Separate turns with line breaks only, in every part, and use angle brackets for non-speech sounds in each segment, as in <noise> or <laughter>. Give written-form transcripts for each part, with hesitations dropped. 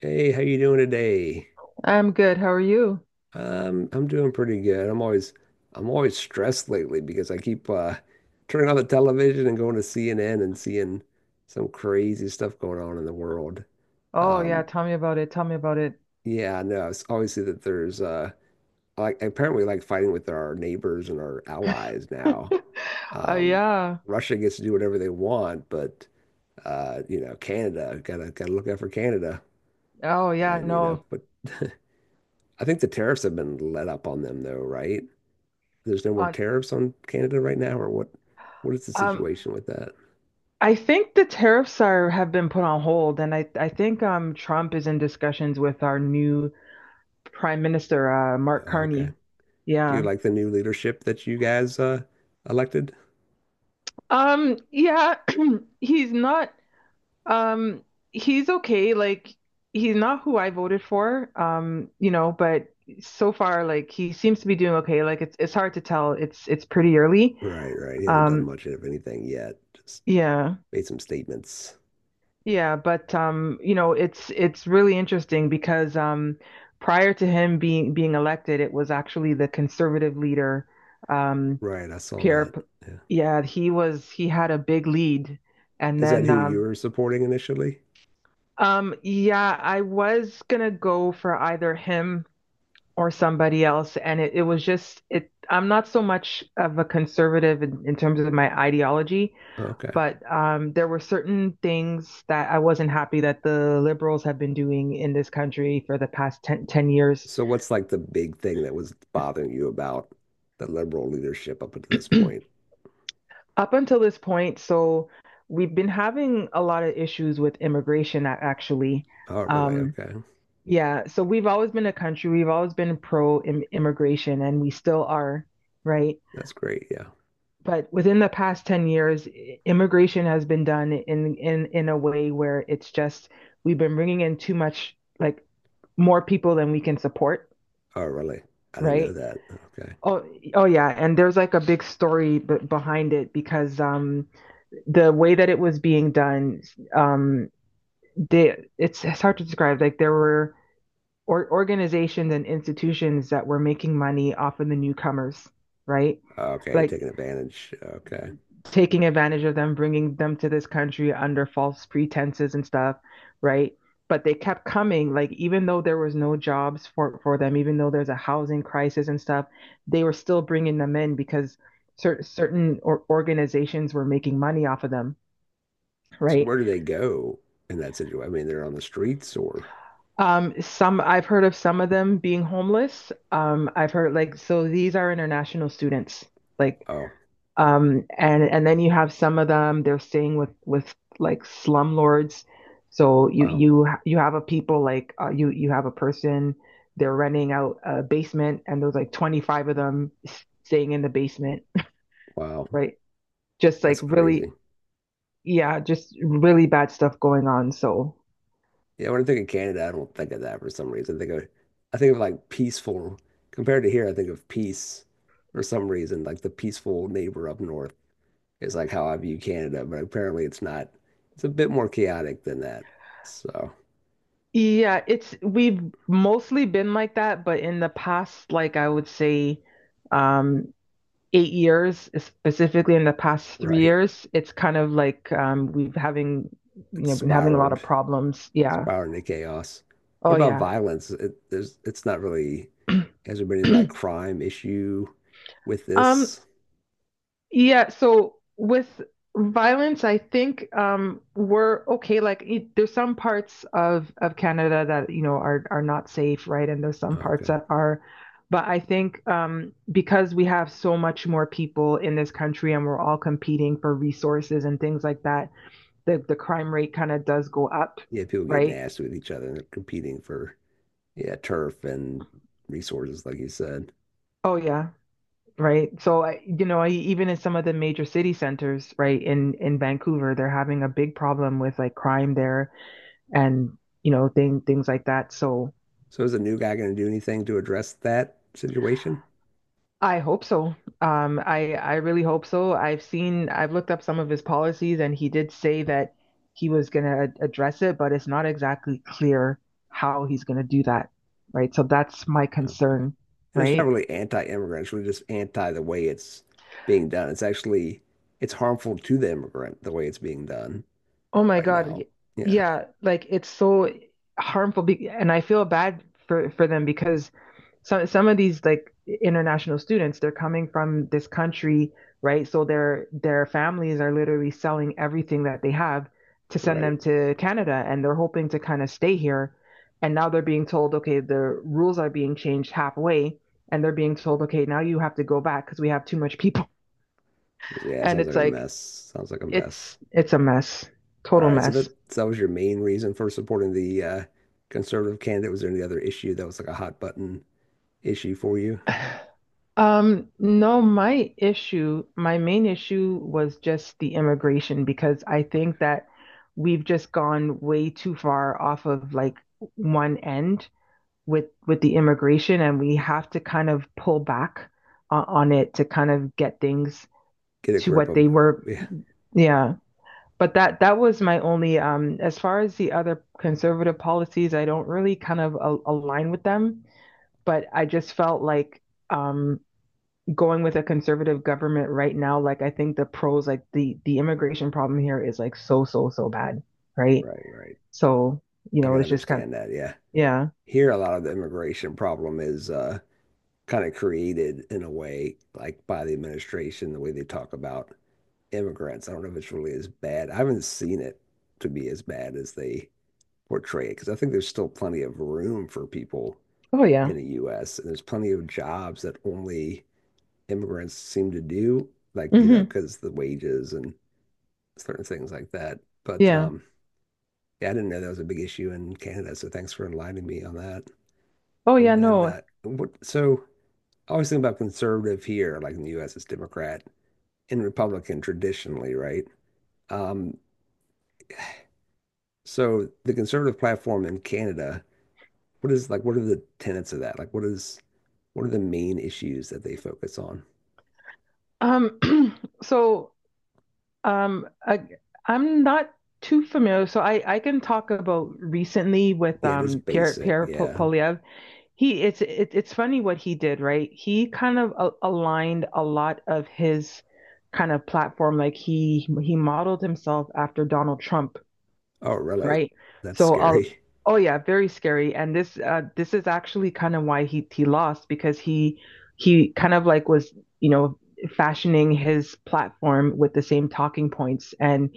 Hey, how you doing today?
I'm good. How are you?
I'm doing pretty good. I'm always stressed lately because I keep turning on the television and going to CNN and seeing some crazy stuff going on in the world.
Oh yeah,
Um,
tell me about it. Tell me about it.
yeah, no, it's always see that there's like apparently like fighting with our neighbors and our allies now.
<laughs> Oh
Um,
yeah.
Russia gets to do whatever they want, but you know, Canada gotta look out for Canada
Oh yeah,
and you know,
no.
but I think the tariffs have been let up on them though, right? There's no more
On
tariffs on Canada right now, or what? What is the
um
situation with that?
I think the tariffs are have been put on hold, and I think Trump is in discussions with our new Prime Minister Mark
Okay.
Carney.
Do you
Yeah.
like the new leadership that you guys elected?
Yeah, <clears throat> he's not um he's okay, like he's not who I voted for, but so far like he seems to be doing okay. Like it's hard to tell. It's pretty early.
Right, right. He hasn't done
Um,
much of anything yet. Just
yeah,
made some statements.
yeah, but it's really interesting because, prior to him being elected, it was actually the conservative leader, um,
Right, I saw
Pierre.
that. Yeah.
Yeah, he had a big lead, and
Is that
then
who you were supporting initially?
yeah, I was gonna go for either him or somebody else, and it was just it. I'm not so much of a conservative in terms of my ideology.
Okay.
But there were certain things that I wasn't happy that the liberals have been doing in this country for the past 10 10 years
So what's like the big thing that was bothering you about the liberal leadership up until this point?
up until this point. So we've been having a lot of issues with immigration, actually.
Oh, really?
Um,
Okay.
yeah, so we've always been a country, we've always been pro immigration, and we still are, right?
That's great. Yeah.
But within the past 10 years immigration has been done in a way where it's just we've been bringing in too much, like more people than we can support,
Oh, really? I didn't know
right?
that. Okay.
Oh oh yeah, and there's like a big story b behind it because, the way that it was being done, um they it's hard to describe. Like there were or organizations and institutions that were making money off of the newcomers, right?
Okay,
Like
taking advantage. Okay.
taking advantage of them, bringing them to this country under false pretenses and stuff, right? But they kept coming, like even though there was no jobs for them, even though there's a housing crisis and stuff, they were still bringing them in because certain organizations were making money off of them,
So
right?
where do they go in that situation? I mean, they're on the streets or
Some, I've heard of some of them being homeless. I've heard, like, so these are international students, like.
oh,
And then you have some of them, they're staying with like slumlords. So you
wow.
you you have a people like, you have a person, they're renting out a basement and there's like 25 of them staying in the basement,
Wow.
right? Just like
That's
really,
crazy.
yeah, just really bad stuff going on. So
Yeah, when I think of Canada, I don't think of that for some reason. I think of like peaceful compared to here, I think of peace for some reason. Like the peaceful neighbor up north is like how I view Canada, but apparently it's not, it's a bit more chaotic than that. So
yeah, it's we've mostly been like that, but in the past, like I would say, um 8 years, specifically in the past three
right.
years, it's kind of like, we've having you
It's
know, been having a lot
spiraled,
of problems. Yeah.
spiraled into chaos. What
Oh
about
yeah.
violence? It, there's it's not really. Has there been any like
<clears throat>
crime issue with
um.
this?
Yeah. So with violence, I think we're okay. Like there's some parts of Canada that, you know, are not safe, right? And there's
Oh,
some parts
okay.
that are. But I think, because we have so much more people in this country and we're all competing for resources and things like that, the crime rate kind of does go up,
Yeah, people get
right?
nasty with each other and they're competing for, yeah, turf and resources, like you said.
Oh yeah, right. So I, you know, I, even in some of the major city centers, right, in Vancouver, they're having a big problem with like crime there, and, you know, things like that. So
So is the new guy going to do anything to address that situation?
I hope so. I really hope so. I've looked up some of his policies and he did say that he was going to address it, but it's not exactly clear how he's going to do that, right? So that's my
Okay.
concern,
And it's not
right?
really anti-immigrant, it's really just anti the way it's being done. It's actually it's harmful to the immigrant the way it's being done
Oh my
right
God.
now. Yeah,
Yeah, like it's so harmful, be and I feel bad for them because some of these like international students, they're coming from this country, right? So their families are literally selling everything that they have to send
right.
them to Canada and they're hoping to kind of stay here. And now they're being told, okay, the rules are being changed halfway, and they're being told, okay, now you have to go back because we have too much people. <laughs>
Yeah, it
And
sounds like
it's
a
like
mess. Sounds like a mess.
it's a mess.
All
Total
right, so that
mess.
so that was your main reason for supporting the conservative candidate. Was there any other issue that was like a hot button issue for
<laughs>
you?
<sighs> No, my issue, my main issue was just the immigration, because I think that we've just gone way too far off of like one end with the immigration, and we have to kind of pull back on it to kind of get things
Get a
to
grip
what
of,
they were.
yeah,
Yeah. But that was my only, as far as the other conservative policies, I don't really kind of a align with them, but I just felt like, um going with a conservative government right now, like I think the pros, like the immigration problem here is like so so so bad, right?
right, right.
So, you
I
know,
can
it's just kind of
understand that. Yeah,
yeah.
here a lot of the immigration problem is kind of created in a way like by the administration, the way they talk about immigrants. I don't know if it's really as bad. I haven't seen it to be as bad as they portray it because I think there's still plenty of room for people
Oh yeah.
in the U.S. and there's plenty of jobs that only immigrants seem to do, like, you know,
Hmm.
because the wages and certain things like that. But
Yeah.
um, yeah, I didn't know that was a big issue in Canada. So thanks for enlightening me on that.
Oh
And
yeah.
then
No.
what? So I always think about conservative here, like in the U.S., it's Democrat and Republican traditionally, right? Um, so the conservative platform in Canada, what is like? What are the tenets of that? Like, what is what are the main issues that they focus on?
Um. <clears throat> So, um, I, I'm not too familiar. So I can talk about recently with
Yeah, just
Pierre
basic. Yeah.
Poliev. He it's funny what he did, right? He kind of aligned a lot of his kind of platform, like he modeled himself after Donald Trump,
Oh, really?
right?
That's
So,
scary.
oh yeah, very scary. And this, this is actually kind of why he lost because he kind of like was, you know, fashioning his platform with the same talking points, and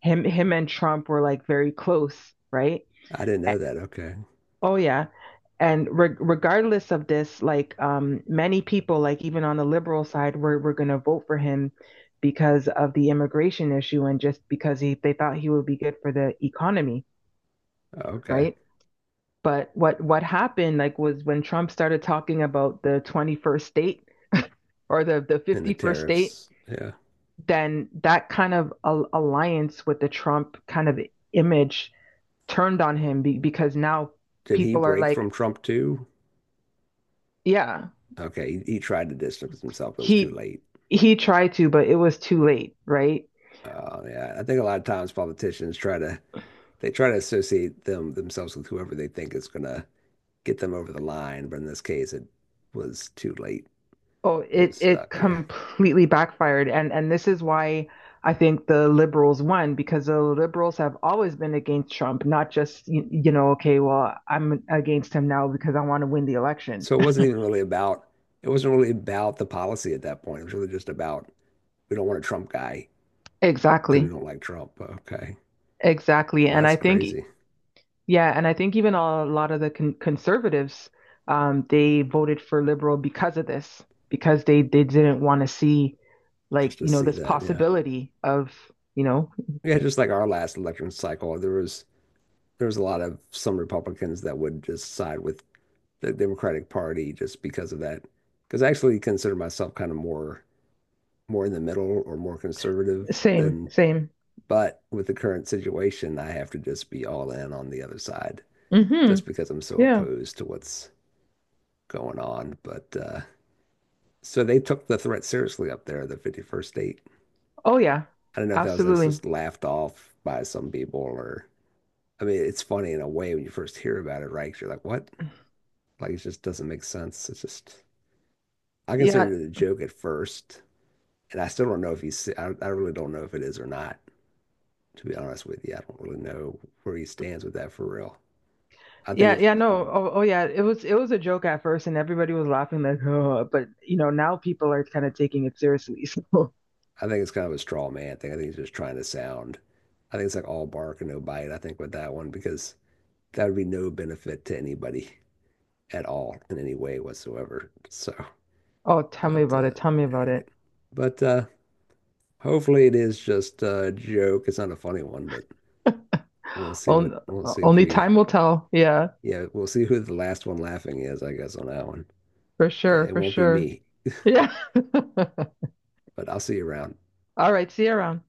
him and Trump were like very close, right?
I didn't know that. Okay.
Oh yeah, and regardless of this, like many people, like even on the liberal side, were going to vote for him because of the immigration issue and just because he they thought he would be good for the economy,
Okay.
right? But what happened, like, was when Trump started talking about the 21st state, or the
And the
51st state,
tariffs. Yeah.
then that kind of alliance with the Trump kind of image turned on him, because now
Did he
people are
break from
like,
Trump too?
yeah.
Okay. He tried to distance himself, it was too
He
late.
he tried to, but it was too late, right?
Yeah. I think a lot of times politicians try to they try to associate them themselves with whoever they think is gonna get them over the line, but in this case it was too late.
Oh,
He
it
was
it
stuck. Yeah.
completely backfired, and this is why I think the liberals won, because the liberals have always been against Trump, not just, you know, okay, well, I'm against him now because I want to win the election.
So it
<laughs>
wasn't even really about it wasn't really about the policy at that point. It was really just about we don't want a Trump guy because we
Exactly,
don't like Trump. Okay.
exactly,
Well,
and
that's
I think
crazy
yeah, and I think even a lot of the conservatives, they voted for liberal because of this, because they didn't want to see, like,
just to
you know,
see
this
that. Yeah.
possibility of, you know,
Yeah, just like our last election cycle, there was a lot of some Republicans that would just side with the Democratic Party just because of that. Because I actually consider myself kind of more more in the middle or more conservative
same
than,
same.
but with the current situation, I have to just be all in on the other side
Mm-hmm.
just because I'm so
Yeah.
opposed to what's going on. But so they took the threat seriously up there, the 51st state.
Oh yeah.
I don't know if that was like
Absolutely.
just laughed off by some people or I mean, it's funny in a way when you first hear about it, right? 'Cause you're like, what? Like, it just doesn't make sense. It's just, I
yeah
considered it a joke at first, and I still don't know if he's, se- I really don't know if it is or not, to be honest with you. I don't really know where he stands with that for real. I think it's
yeah
just,
no.
a,
Oh yeah, it was a joke at first and everybody was laughing, like, oh, but you know, now people are kind of taking it seriously. <laughs> So,
I think it's kind of a straw man thing. I think he's just trying to sound, I think it's like all bark and no bite, I think, with that one, because that would be no benefit to anybody at all in any way whatsoever. So,
oh, tell me
but,
about it, tell me
all
about
right.
it.
But hopefully it is just a joke. It's not a funny one, but we'll see what
Only,
we'll see if
only
we
time will tell. Yeah,
yeah, we'll see who the last one laughing is, I guess, on that one.
for sure,
It
for
won't be
sure.
me,
Yeah. <laughs>
but I'll see you around.
All right, see you around.